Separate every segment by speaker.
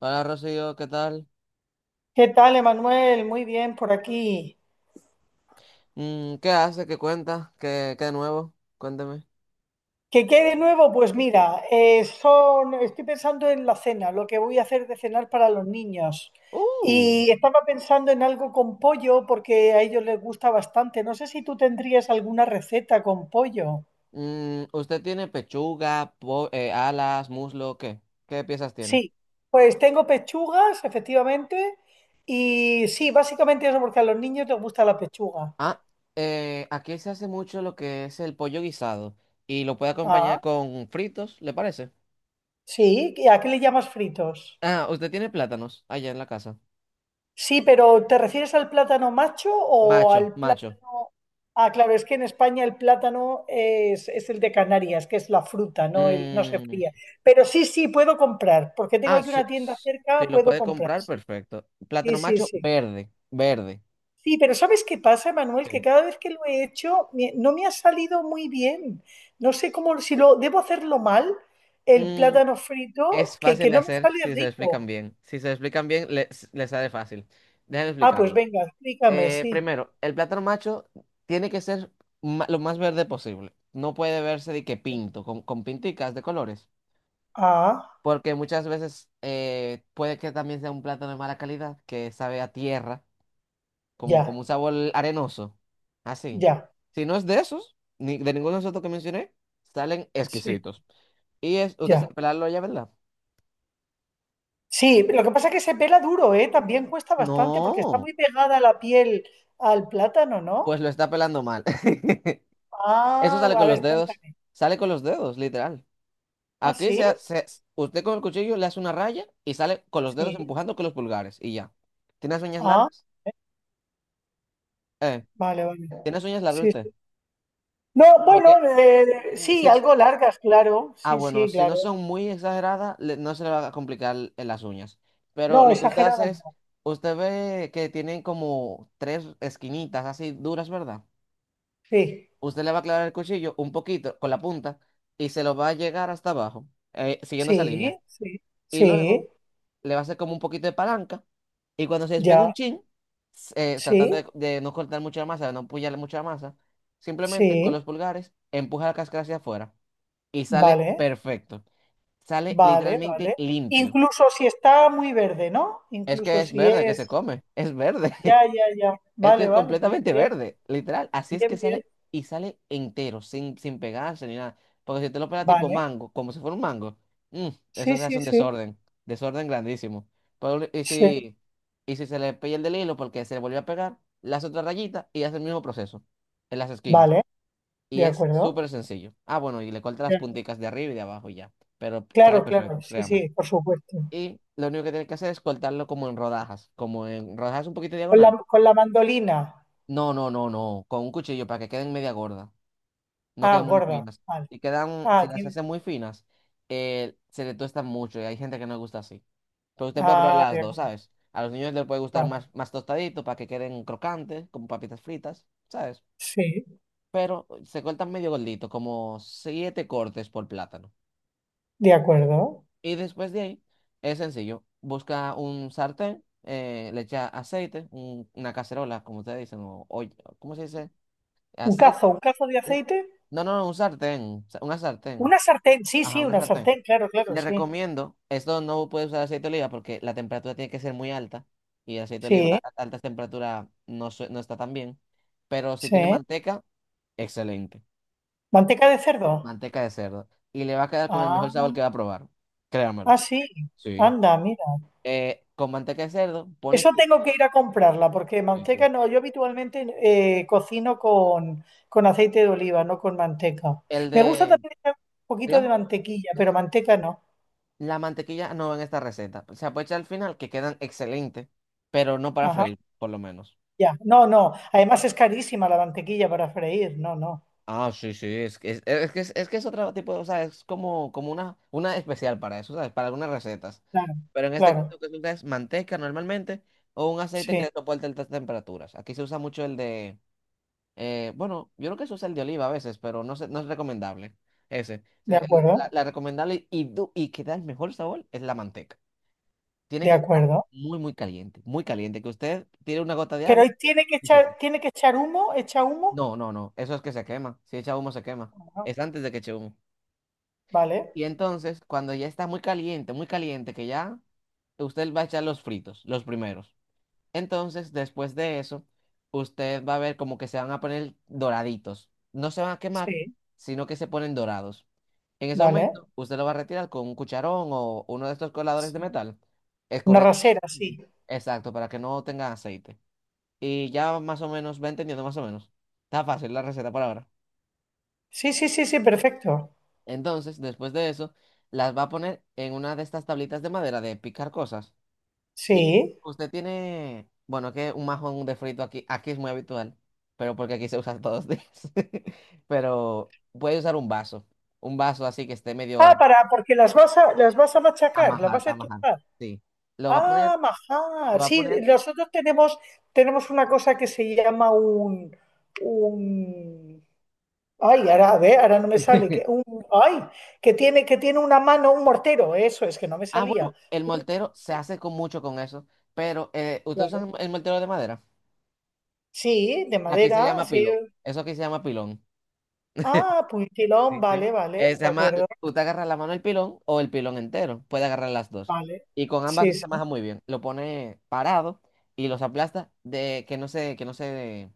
Speaker 1: Hola Rocío, ¿qué tal?
Speaker 2: ¿Qué tal, Emanuel? Muy bien por aquí.
Speaker 1: ¿Qué hace? ¿Qué cuenta? ¿Qué de nuevo? Cuénteme.
Speaker 2: ¿Qué de nuevo? Pues mira, son, estoy pensando en la cena, lo que voy a hacer de cenar para los niños.
Speaker 1: Uh,
Speaker 2: Y estaba pensando en algo con pollo porque a ellos les gusta bastante. No sé si tú tendrías alguna receta con pollo.
Speaker 1: ¿usted tiene pechuga, alas, muslo? ¿Qué? ¿Qué piezas tiene?
Speaker 2: Sí, pues tengo pechugas, efectivamente. Y sí, básicamente eso porque a los niños les gusta la pechuga.
Speaker 1: Ah, aquí se hace mucho lo que es el pollo guisado y lo puede
Speaker 2: Ah,
Speaker 1: acompañar con fritos, ¿le parece?
Speaker 2: sí. ¿Y a qué le llamas fritos?
Speaker 1: Ah, ¿usted tiene plátanos allá en la casa?
Speaker 2: Sí, pero ¿te refieres al plátano macho o
Speaker 1: Macho,
Speaker 2: al plátano?
Speaker 1: macho.
Speaker 2: Ah, claro, es que en España el plátano es el de Canarias, que es la fruta, no, el, no se
Speaker 1: Mm,
Speaker 2: fría. Pero sí, sí, puedo comprar, porque tengo
Speaker 1: ah,
Speaker 2: aquí
Speaker 1: sí,
Speaker 2: una tienda
Speaker 1: sí,
Speaker 2: cerca,
Speaker 1: lo
Speaker 2: puedo
Speaker 1: puede
Speaker 2: comprar,
Speaker 1: comprar,
Speaker 2: sí,
Speaker 1: perfecto.
Speaker 2: sí,
Speaker 1: Plátano
Speaker 2: sí,
Speaker 1: macho
Speaker 2: sí.
Speaker 1: verde, verde.
Speaker 2: Sí, pero ¿sabes qué pasa, Manuel?
Speaker 1: Ok.
Speaker 2: Que cada vez que lo he hecho no me ha salido muy bien. No sé cómo, si lo debo hacerlo mal, el
Speaker 1: Mm,
Speaker 2: plátano frito,
Speaker 1: Es fácil
Speaker 2: que
Speaker 1: de
Speaker 2: no me
Speaker 1: hacer
Speaker 2: sale
Speaker 1: si se lo explican
Speaker 2: rico.
Speaker 1: bien. Si se lo explican bien, les sale fácil. Déjenme
Speaker 2: Ah, pues
Speaker 1: explicarle.
Speaker 2: venga, explícame,
Speaker 1: Eh,
Speaker 2: sí.
Speaker 1: primero, el plátano macho tiene que ser lo más verde posible. No puede verse de que pinto, con pinticas de colores.
Speaker 2: Ah,
Speaker 1: Porque muchas veces puede que también sea un plátano de mala calidad, que sabe a tierra, como,
Speaker 2: ya,
Speaker 1: como un sabor arenoso. Así.
Speaker 2: ya.
Speaker 1: Si no es de esos, ni de ninguno de esos otros que mencioné, salen
Speaker 2: Sí,
Speaker 1: exquisitos. Usted
Speaker 2: ya.
Speaker 1: sabe pelarlo ya, ¿verdad?
Speaker 2: Sí, lo que pasa es que se pela duro, ¿eh? También cuesta bastante porque está
Speaker 1: No.
Speaker 2: muy pegada la piel al plátano, ¿no?
Speaker 1: Pues lo está pelando mal. Eso
Speaker 2: Ah,
Speaker 1: sale
Speaker 2: a
Speaker 1: con los
Speaker 2: ver,
Speaker 1: dedos.
Speaker 2: cuéntame.
Speaker 1: Sale con los dedos, literal.
Speaker 2: ¿Ah,
Speaker 1: Aquí se,
Speaker 2: sí?
Speaker 1: ha- se- usted con el cuchillo le hace una raya y sale con los dedos
Speaker 2: Sí.
Speaker 1: empujando con los pulgares y ya. ¿Tienes uñas
Speaker 2: Ah,
Speaker 1: largas? Eh,
Speaker 2: vale, vale.
Speaker 1: ¿tienes uñas largas
Speaker 2: Sí,
Speaker 1: usted?
Speaker 2: sí. No, bueno,
Speaker 1: Porque mm, si
Speaker 2: sí,
Speaker 1: es-
Speaker 2: algo largas, claro.
Speaker 1: ah,
Speaker 2: Sí,
Speaker 1: bueno,
Speaker 2: sí,
Speaker 1: si no
Speaker 2: claro.
Speaker 1: son muy exageradas, no se le va a complicar las uñas.
Speaker 2: No,
Speaker 1: Pero lo que usted hace
Speaker 2: exageradas
Speaker 1: es,
Speaker 2: no.
Speaker 1: usted ve que tienen como tres esquinitas así duras, ¿verdad?
Speaker 2: Sí,
Speaker 1: Usted le va a clavar el cuchillo un poquito con la punta y se lo va a llegar hasta abajo, siguiendo esa línea.
Speaker 2: sí, sí,
Speaker 1: Y luego
Speaker 2: sí,
Speaker 1: le va a hacer como un poquito de palanca y cuando se despegue un
Speaker 2: ya.
Speaker 1: chin, tratando
Speaker 2: Sí,
Speaker 1: de no cortar mucha masa, de no puñalar mucha masa, simplemente con
Speaker 2: sí,
Speaker 1: los pulgares empuja la cáscara hacia afuera y sale
Speaker 2: vale,
Speaker 1: perfecto. Sale
Speaker 2: vale,
Speaker 1: literalmente
Speaker 2: vale.
Speaker 1: limpio.
Speaker 2: Incluso si está muy verde, ¿no?
Speaker 1: Es que
Speaker 2: Incluso
Speaker 1: es
Speaker 2: si
Speaker 1: verde que se
Speaker 2: es...
Speaker 1: come, es verde.
Speaker 2: Ya, ya, ya.
Speaker 1: Es que
Speaker 2: Vale,
Speaker 1: es
Speaker 2: vale. Bien,
Speaker 1: completamente
Speaker 2: bien,
Speaker 1: verde, literal. Así es que
Speaker 2: bien, bien.
Speaker 1: sale y sale entero, sin pegarse ni nada. Porque si te lo pegas tipo
Speaker 2: Vale.
Speaker 1: mango, como si fuera un mango, mm, eso
Speaker 2: Sí,
Speaker 1: se hace
Speaker 2: sí,
Speaker 1: un
Speaker 2: sí,
Speaker 1: desorden, desorden grandísimo. Pero, y
Speaker 2: sí.
Speaker 1: si, y si se le pierde el del hilo porque se le volvió a pegar, las otras rayitas y hace el mismo proceso en las esquinas.
Speaker 2: Vale,
Speaker 1: Y
Speaker 2: de
Speaker 1: es
Speaker 2: acuerdo.
Speaker 1: súper sencillo. Ah, bueno, y le corta las
Speaker 2: Ya.
Speaker 1: punticas de arriba y de abajo y ya. Pero sale
Speaker 2: Claro, claro.
Speaker 1: perfecto,
Speaker 2: Sí,
Speaker 1: créame.
Speaker 2: sí, por supuesto.
Speaker 1: Y lo único que tienes que hacer es cortarlo como en rodajas un poquito
Speaker 2: Con
Speaker 1: diagonal
Speaker 2: con la mandolina.
Speaker 1: no, no, no, no. Con un cuchillo para que queden media gorda. No
Speaker 2: Ah,
Speaker 1: queden muy
Speaker 2: gorda.
Speaker 1: finas.
Speaker 2: Vale.
Speaker 1: Y quedan, si
Speaker 2: Ah,
Speaker 1: las
Speaker 2: tiene.
Speaker 1: hacen muy finas, se le tostan mucho y hay gente que no le gusta así. Pero usted puede probar
Speaker 2: Ah,
Speaker 1: las
Speaker 2: de
Speaker 1: dos,
Speaker 2: acuerdo.
Speaker 1: ¿sabes? A los niños les puede gustar
Speaker 2: Vale.
Speaker 1: más, más tostadito para que queden crocantes, como papitas fritas, ¿sabes?
Speaker 2: Sí,
Speaker 1: Pero se cortan medio gordito, como siete cortes por plátano.
Speaker 2: de acuerdo.
Speaker 1: Y después de ahí, es sencillo. Busca un sartén, le echa aceite, una cacerola, como ustedes dicen, o, olla, ¿cómo se dice? Aceite.
Speaker 2: Un cazo de
Speaker 1: un-
Speaker 2: aceite.
Speaker 1: No, no, no, un sartén, una sartén.
Speaker 2: Una sartén. Sí,
Speaker 1: Ajá,
Speaker 2: sí,
Speaker 1: una
Speaker 2: una
Speaker 1: sartén.
Speaker 2: sartén. Claro, claro,
Speaker 1: Le
Speaker 2: sí.
Speaker 1: recomiendo, esto no puede usar aceite de oliva porque la temperatura tiene que ser muy alta y el aceite de oliva
Speaker 2: Sí,
Speaker 1: a altas temperaturas no, no está tan bien, pero si tiene
Speaker 2: sí.
Speaker 1: manteca, excelente.
Speaker 2: Manteca de cerdo.
Speaker 1: Manteca de cerdo. Y le va a quedar con el
Speaker 2: Ah,
Speaker 1: mejor sabor que va a probar, créamelo.
Speaker 2: ah, sí.
Speaker 1: Sí.
Speaker 2: Anda, mira.
Speaker 1: Con manteca de cerdo, pones.
Speaker 2: Eso tengo que ir a comprarla, porque
Speaker 1: Sí, sí.
Speaker 2: manteca no, yo habitualmente cocino con aceite de oliva, no con manteca.
Speaker 1: el
Speaker 2: Me gusta
Speaker 1: de,
Speaker 2: también echar un poquito de
Speaker 1: diga,
Speaker 2: mantequilla, pero manteca no.
Speaker 1: la mantequilla no va en esta receta. Se puede echar al final que quedan excelentes, pero no para
Speaker 2: Ajá,
Speaker 1: freír, por lo menos.
Speaker 2: ya. No, no. Además es carísima la mantequilla para freír. No, no.
Speaker 1: Ah, sí, sí, es que es otro tipo, o sea, es como una especial para eso, ¿sabes? Para algunas recetas.
Speaker 2: Claro,
Speaker 1: Pero en este caso
Speaker 2: claro.
Speaker 1: que se usa es manteca normalmente o un aceite
Speaker 2: Sí,
Speaker 1: que soporte altas temperaturas. Aquí se usa mucho el de, bueno, yo creo que se usa el de oliva a veces, pero no, no es recomendable ese.
Speaker 2: de
Speaker 1: Se- el- La,
Speaker 2: acuerdo,
Speaker 1: la recomendable y que da el mejor sabor es la manteca. Tiene
Speaker 2: de
Speaker 1: que estar
Speaker 2: acuerdo.
Speaker 1: muy, muy caliente, que usted tire una gota de
Speaker 2: Pero
Speaker 1: agua
Speaker 2: ahí
Speaker 1: y se...
Speaker 2: tiene que echar humo, echa humo.
Speaker 1: No, no, no, eso es que se quema. Si echa humo se quema.
Speaker 2: Ajá,
Speaker 1: Es antes de que eche humo.
Speaker 2: vale,
Speaker 1: Y entonces, cuando ya está muy caliente, que ya usted va a echar los fritos, los primeros. Entonces, después de eso, usted va a ver como que se van a poner doraditos. No se van a quemar,
Speaker 2: sí,
Speaker 1: sino que se ponen dorados. En ese
Speaker 2: vale.
Speaker 1: momento, usted lo va a retirar con un cucharón o uno de estos coladores de
Speaker 2: Sí.
Speaker 1: metal,
Speaker 2: Una
Speaker 1: escurriendo.
Speaker 2: rasera, sí.
Speaker 1: Exacto, para que no tenga aceite. Y ya más o menos, va entendiendo más o menos. Está fácil la receta por ahora.
Speaker 2: Sí, sí, sí, sí, perfecto.
Speaker 1: Entonces, después de eso, las va a poner en una de estas tablitas de madera de picar cosas. Y
Speaker 2: Sí.
Speaker 1: usted tiene, bueno, que un majón de frito aquí, aquí es muy habitual, pero porque aquí se usa todos los días. Pero puede usar un vaso así que esté
Speaker 2: Ah,
Speaker 1: medio
Speaker 2: para, porque las vas a machacar, las
Speaker 1: amajar,
Speaker 2: vas a
Speaker 1: amajar.
Speaker 2: estrujar.
Speaker 1: Sí. Lo va a poner,
Speaker 2: Ah,
Speaker 1: lo
Speaker 2: majar.
Speaker 1: va a
Speaker 2: Sí,
Speaker 1: poner.
Speaker 2: nosotros tenemos, tenemos una cosa que se llama un, ay, ahora, a ver, ahora no me sale, que un, ay, que tiene una mano, un mortero, eso es, que no me
Speaker 1: Ah,
Speaker 2: salía.
Speaker 1: bueno, el moltero se hace con mucho con eso, pero ¿usted
Speaker 2: Claro.
Speaker 1: usa el moltero de madera?
Speaker 2: Sí, de
Speaker 1: Aquí se
Speaker 2: madera,
Speaker 1: llama
Speaker 2: sí.
Speaker 1: pilón. Eso aquí se llama pilón.
Speaker 2: Ah, puntilón,
Speaker 1: Sí, sí.
Speaker 2: vale,
Speaker 1: Eh,
Speaker 2: vale,
Speaker 1: se
Speaker 2: de
Speaker 1: llama,
Speaker 2: acuerdo,
Speaker 1: tú te agarras la mano del pilón o el pilón entero. Puede agarrar las dos.
Speaker 2: vale.
Speaker 1: Y con ambas
Speaker 2: Sí,
Speaker 1: se
Speaker 2: sí,
Speaker 1: maja muy bien. Lo pone parado y los aplasta de que no se, que no se,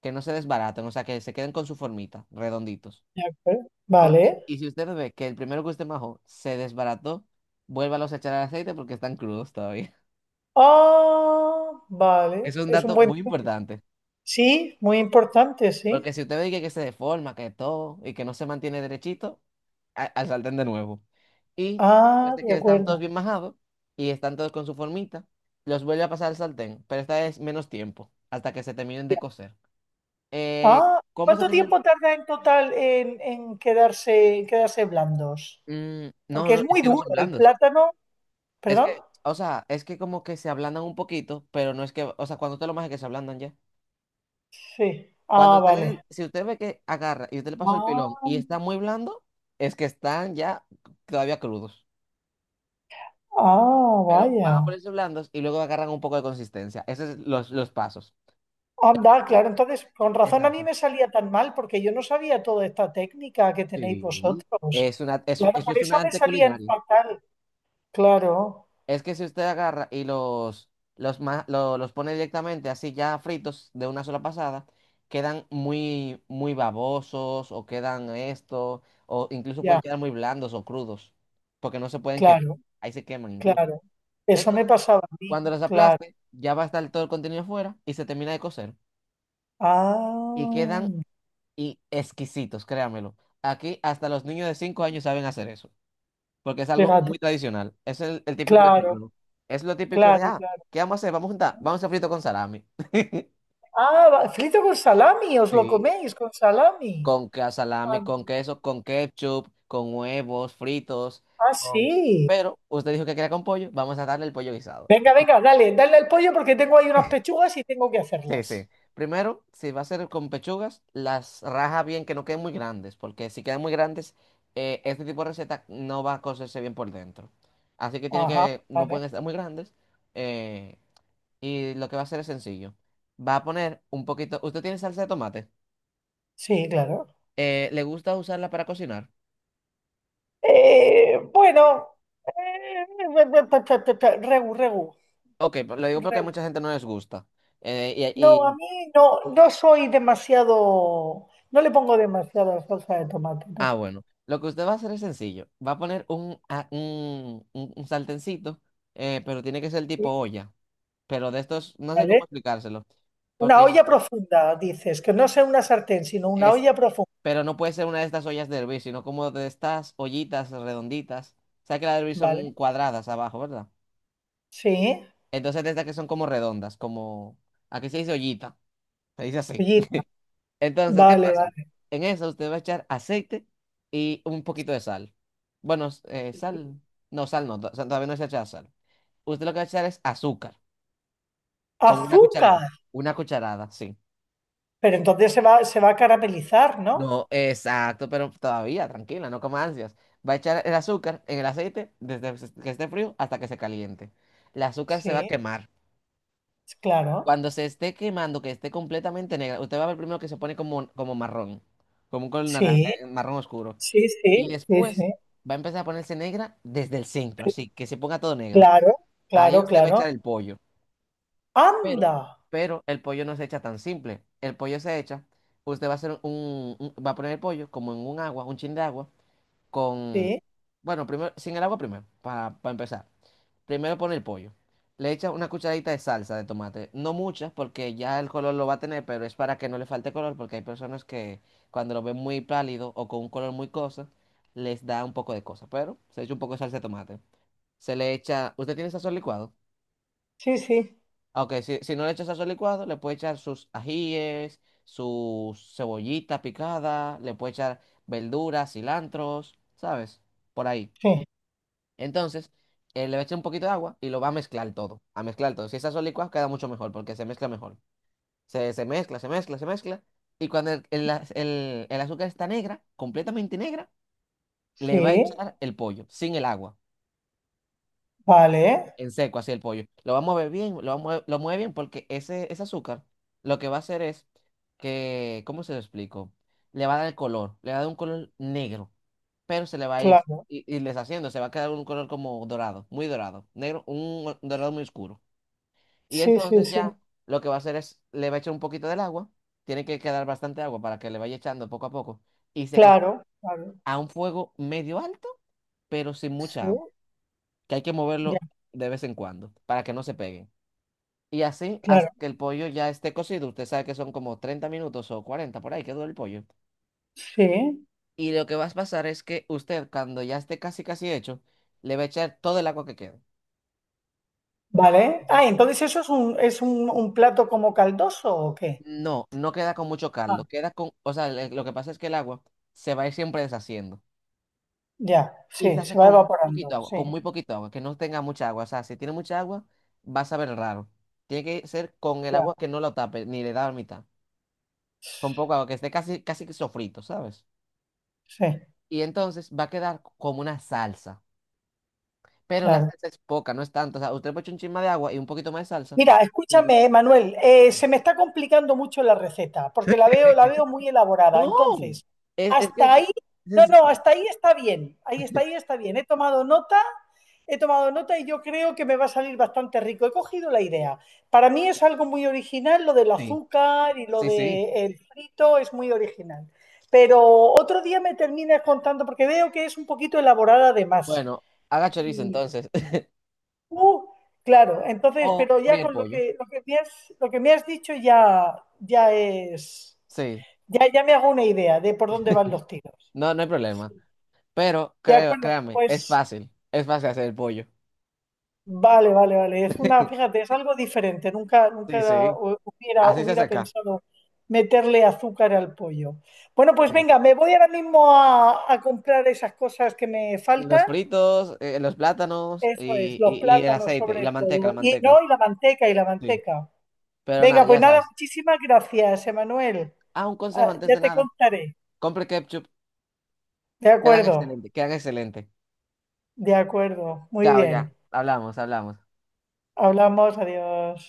Speaker 1: que no se desbaraten, o sea, que se queden con su formita, redonditos.
Speaker 2: de acuerdo,
Speaker 1: Porque,
Speaker 2: vale.
Speaker 1: y si usted ve que el primero que usted majó se desbarató, vuélvalos a echar al aceite porque están crudos todavía.
Speaker 2: Ah, vale,
Speaker 1: Es un
Speaker 2: es un
Speaker 1: dato
Speaker 2: buen.
Speaker 1: muy importante.
Speaker 2: Sí, muy importante, sí.
Speaker 1: Porque si usted ve que se deforma, que todo, y que no se mantiene derechito, al sartén de nuevo. Y después
Speaker 2: Ah,
Speaker 1: de
Speaker 2: de
Speaker 1: que están todos
Speaker 2: acuerdo.
Speaker 1: bien majados y están todos con su formita, los vuelve a pasar al sartén, pero esta vez menos tiempo, hasta que se terminen
Speaker 2: Ya.
Speaker 1: de cocer. Eh,
Speaker 2: Ah,
Speaker 1: ¿cómo se
Speaker 2: ¿cuánto
Speaker 1: terminan?
Speaker 2: tiempo tarda en total en quedarse blandos?
Speaker 1: Mm, no,
Speaker 2: Porque
Speaker 1: no,
Speaker 2: es
Speaker 1: es
Speaker 2: muy
Speaker 1: que no
Speaker 2: duro
Speaker 1: son
Speaker 2: el
Speaker 1: blandos.
Speaker 2: plátano,
Speaker 1: Es
Speaker 2: ¿perdón?
Speaker 1: que, o sea, es que como que se ablandan un poquito, pero no es que, o sea, cuando usted lo maje que se ablandan ya.
Speaker 2: Sí.
Speaker 1: Cuando
Speaker 2: Ah,
Speaker 1: usted le,
Speaker 2: vale.
Speaker 1: si usted ve que agarra y usted le pasó el
Speaker 2: Ah,
Speaker 1: pilón y está muy blando, es que están ya todavía crudos.
Speaker 2: ah,
Speaker 1: Pero van a
Speaker 2: vaya.
Speaker 1: ponerse blandos y luego agarran un poco de consistencia. Esos son los pasos. El
Speaker 2: Anda,
Speaker 1: primero.
Speaker 2: claro, entonces con razón a mí
Speaker 1: Exacto.
Speaker 2: me salía tan mal porque yo no sabía toda esta técnica que tenéis
Speaker 1: Sí.
Speaker 2: vosotros.
Speaker 1: Es una, eso,
Speaker 2: Claro,
Speaker 1: eso
Speaker 2: por
Speaker 1: es un
Speaker 2: eso me
Speaker 1: arte
Speaker 2: salían
Speaker 1: culinario.
Speaker 2: fatal. Claro,
Speaker 1: Es que si usted agarra y los pone directamente así ya fritos de una sola pasada, quedan muy, muy babosos o quedan esto, o incluso pueden
Speaker 2: ya,
Speaker 1: quedar muy blandos o crudos, porque no se pueden quemar.
Speaker 2: claro,
Speaker 1: Ahí se queman incluso.
Speaker 2: claro. Eso me
Speaker 1: Entonces,
Speaker 2: pasaba a mí,
Speaker 1: cuando los
Speaker 2: claro.
Speaker 1: aplaste, ya va a estar todo el contenido fuera y se termina de cocer. Y quedan
Speaker 2: Ah,
Speaker 1: y exquisitos, créamelo. Aquí hasta los niños de 5 años saben hacer eso, porque es algo
Speaker 2: fíjate,
Speaker 1: muy tradicional. Es el típico
Speaker 2: claro,
Speaker 1: desayuno. Es lo típico
Speaker 2: claro,
Speaker 1: ah,
Speaker 2: claro.
Speaker 1: ¿qué vamos a hacer? Vamos a hacer frito con salami.
Speaker 2: Frito con salami, os lo
Speaker 1: Sí.
Speaker 2: coméis con salami.
Speaker 1: Con
Speaker 2: Ah,
Speaker 1: salami, con queso, con ketchup, con huevos fritos,
Speaker 2: ah,
Speaker 1: con...
Speaker 2: sí.
Speaker 1: Pero usted dijo que quería con pollo, vamos a darle el pollo guisado.
Speaker 2: Venga, venga, dale, dale al pollo porque tengo ahí unas pechugas y tengo que
Speaker 1: Sí, sí.
Speaker 2: hacerlas.
Speaker 1: Primero, si va a ser con pechugas, las raja bien que no queden muy grandes, porque si quedan muy grandes, este tipo de receta no va a cocerse bien por dentro. Así que tiene
Speaker 2: Ajá,
Speaker 1: que, no
Speaker 2: vale.
Speaker 1: pueden estar muy grandes. eh, y lo que va a hacer es sencillo. Va a poner un poquito. ¿Usted tiene salsa de tomate?
Speaker 2: Sí, claro.
Speaker 1: ¿Le gusta usarla para cocinar?
Speaker 2: Bueno, eh, regu, regu,
Speaker 1: Ok, pero lo digo porque a
Speaker 2: regu.
Speaker 1: mucha gente no les gusta. Eh, y,
Speaker 2: No, a
Speaker 1: y-
Speaker 2: mí no, no soy demasiado, no le pongo demasiada salsa de tomate,
Speaker 1: ah,
Speaker 2: ¿no?
Speaker 1: bueno. Lo que usted va a hacer es sencillo. Va a poner un, a- un, un sartencito, pero tiene que ser tipo
Speaker 2: Sí,
Speaker 1: olla. Pero de estos, no sé cómo
Speaker 2: ¿vale?
Speaker 1: explicárselo,
Speaker 2: Una
Speaker 1: porque
Speaker 2: olla profunda, dices, que no sea una sartén, sino una
Speaker 1: es,
Speaker 2: olla profunda,
Speaker 1: pero no puede ser una de estas ollas de hervir, sino como de estas ollitas redonditas. Sabes que las de hervir son
Speaker 2: ¿vale?
Speaker 1: cuadradas abajo, ¿verdad?
Speaker 2: Sí,
Speaker 1: Entonces de estas que son como redondas, como, aquí se dice ollita, se dice así.
Speaker 2: ollita,
Speaker 1: Entonces, ¿qué
Speaker 2: vale,
Speaker 1: pasa?
Speaker 2: vale.
Speaker 1: En eso usted va a echar aceite y un poquito de sal. Bueno,
Speaker 2: Sí.
Speaker 1: sal no, todavía no se echa sal. Usted lo que va a echar es azúcar, con una cucharita,
Speaker 2: Azúcar,
Speaker 1: una cucharada, sí.
Speaker 2: pero entonces se va a caramelizar, ¿no?
Speaker 1: No, exacto, pero todavía, tranquila, no comas ansias. Va a echar el azúcar en el aceite desde que esté frío hasta que se caliente. El azúcar se va a
Speaker 2: Sí,
Speaker 1: quemar.
Speaker 2: claro,
Speaker 1: Cuando se esté quemando, que esté completamente negra, usted va a ver primero que se pone como marrón, como un color
Speaker 2: sí,
Speaker 1: marrón oscuro.
Speaker 2: sí,
Speaker 1: Y
Speaker 2: sí, sí,
Speaker 1: después
Speaker 2: sí,
Speaker 1: va a empezar a ponerse negra desde el centro, así que se ponga todo negro.
Speaker 2: claro,
Speaker 1: Ahí
Speaker 2: claro,
Speaker 1: usted va a
Speaker 2: claro.
Speaker 1: echar el pollo. Pero,
Speaker 2: Anda,
Speaker 1: pero el pollo no se echa tan simple. El pollo se echa, usted va a hacer va a poner el pollo como en un agua, un chin de agua. con,
Speaker 2: sí,
Speaker 1: bueno, primero, sin el agua primero, para empezar. Primero pone el pollo. Le echas una cucharadita de salsa de tomate. No muchas, porque ya el color lo va a tener, pero es para que no le falte color, porque hay personas que cuando lo ven muy pálido o con un color muy cosa, les da un poco de cosa. Pero se echa un poco de salsa de tomate. Se le echa. ¿Usted tiene sazón licuado?
Speaker 2: sí, sí,
Speaker 1: Ah, OK, si no le echa sazón licuado, le puede echar sus ajíes, su cebollita picada, le puede echar verduras, cilantros, ¿sabes? Por ahí.
Speaker 2: sí,
Speaker 1: Entonces, le va a echar un poquito de agua y lo va a mezclar todo, a mezclar todo. Si está solo licuado, queda mucho mejor porque se mezcla mejor. Se mezcla, se mezcla, se mezcla. Y cuando el azúcar está negra, completamente negra, le va a
Speaker 2: sí,
Speaker 1: echar el pollo, sin el agua,
Speaker 2: vale,
Speaker 1: en seco, así el pollo. Lo va a mover bien, lo va a mover- lo mueve bien porque ese azúcar lo que va a hacer es que, ¿cómo se lo explico? Le va a dar el color, le va a dar un color negro, pero se le va a ir
Speaker 2: claro,
Speaker 1: y deshaciendo, se va a quedar un color como dorado, muy dorado, negro, un dorado muy oscuro. Y
Speaker 2: sí, sí,
Speaker 1: entonces
Speaker 2: sí,
Speaker 1: ya lo que va a hacer es, le va a echar un poquito del agua, tiene que quedar bastante agua para que le vaya echando poco a poco, y se cocina
Speaker 2: claro, claro,
Speaker 1: a un fuego medio alto, pero sin
Speaker 2: sí,
Speaker 1: mucha agua, que hay que
Speaker 2: ya,
Speaker 1: moverlo de vez en cuando para que no se pegue. Y así
Speaker 2: claro,
Speaker 1: hasta que el pollo ya esté cocido, usted sabe que son como 30 minutos o 40 por ahí que dura el pollo.
Speaker 2: sí,
Speaker 1: Y lo que va a pasar es que usted, cuando ya esté casi casi hecho, le va a echar todo el agua que queda.
Speaker 2: vale.
Speaker 1: Entonces,
Speaker 2: Ah, ¿entonces eso es un plato como caldoso o qué?
Speaker 1: no, no queda con mucho
Speaker 2: Ah,
Speaker 1: caldo, queda con, o sea, lo que pasa es que el agua se va a ir siempre deshaciendo.
Speaker 2: ya,
Speaker 1: Y se
Speaker 2: sí,
Speaker 1: hace
Speaker 2: se va
Speaker 1: con muy poquito
Speaker 2: evaporando,
Speaker 1: agua, con
Speaker 2: sí,
Speaker 1: muy poquito agua, que no tenga mucha agua. O sea, si tiene mucha agua, va a saber raro. Tiene que ser con el
Speaker 2: ya,
Speaker 1: agua que no lo tape, ni le da la mitad. Con poco agua, que esté casi, casi que sofrito, ¿sabes?
Speaker 2: sí,
Speaker 1: Y entonces va a quedar como una salsa. Pero la
Speaker 2: claro.
Speaker 1: salsa es poca, no es tanto. O sea, usted le echa un chisme de agua y un poquito más de salsa.
Speaker 2: Mira, escúchame, Manuel, se me está complicando mucho la receta, porque la veo muy elaborada.
Speaker 1: No,
Speaker 2: Entonces,
Speaker 1: es que
Speaker 2: hasta
Speaker 1: es
Speaker 2: ahí, no, no,
Speaker 1: sencilla.
Speaker 2: hasta ahí está bien, ahí está bien. He tomado nota y yo creo que me va a salir bastante rico. He cogido la idea. Para mí es algo muy original, lo del
Speaker 1: Sí,
Speaker 2: azúcar y lo
Speaker 1: sí, sí.
Speaker 2: del frito es muy original. Pero otro día me terminas contando, porque veo que es un poquito elaborada además.
Speaker 1: Bueno, haga chorizo entonces.
Speaker 2: Uh, claro,
Speaker 1: O
Speaker 2: entonces, pero ya
Speaker 1: fríe el
Speaker 2: con
Speaker 1: pollo.
Speaker 2: lo que me has, lo que me has dicho ya, ya es,
Speaker 1: Sí,
Speaker 2: ya, ya me hago una idea de por dónde van los tiros.
Speaker 1: no, no hay problema. Pero
Speaker 2: De
Speaker 1: creo,
Speaker 2: acuerdo,
Speaker 1: créame, es
Speaker 2: pues
Speaker 1: fácil. Es fácil hacer el pollo.
Speaker 2: vale, vale, vale. Es una, fíjate, es algo diferente. Nunca,
Speaker 1: Sí, sí.
Speaker 2: hubiera,
Speaker 1: Así se hace
Speaker 2: hubiera
Speaker 1: acá.
Speaker 2: pensado meterle azúcar al pollo. Bueno, pues
Speaker 1: Sí.
Speaker 2: venga, me voy ahora mismo a comprar esas cosas que me
Speaker 1: Los
Speaker 2: faltan.
Speaker 1: fritos, los plátanos
Speaker 2: Eso es,
Speaker 1: y,
Speaker 2: los
Speaker 1: y, y el
Speaker 2: plátanos
Speaker 1: aceite y la
Speaker 2: sobre
Speaker 1: manteca, la
Speaker 2: todo. Y no,
Speaker 1: manteca.
Speaker 2: y la manteca, y la
Speaker 1: Sí.
Speaker 2: manteca.
Speaker 1: Pero nada,
Speaker 2: Venga, pues
Speaker 1: ya
Speaker 2: nada,
Speaker 1: sabes.
Speaker 2: muchísimas gracias, Emanuel.
Speaker 1: Ah, un consejo
Speaker 2: Ah,
Speaker 1: antes
Speaker 2: ya
Speaker 1: de
Speaker 2: te
Speaker 1: nada.
Speaker 2: contaré.
Speaker 1: Compre ketchup.
Speaker 2: De
Speaker 1: Quedan
Speaker 2: acuerdo,
Speaker 1: excelentes, quedan excelentes.
Speaker 2: de acuerdo. Muy
Speaker 1: Chao, ya.
Speaker 2: bien.
Speaker 1: Hablamos, hablamos.
Speaker 2: Hablamos, adiós.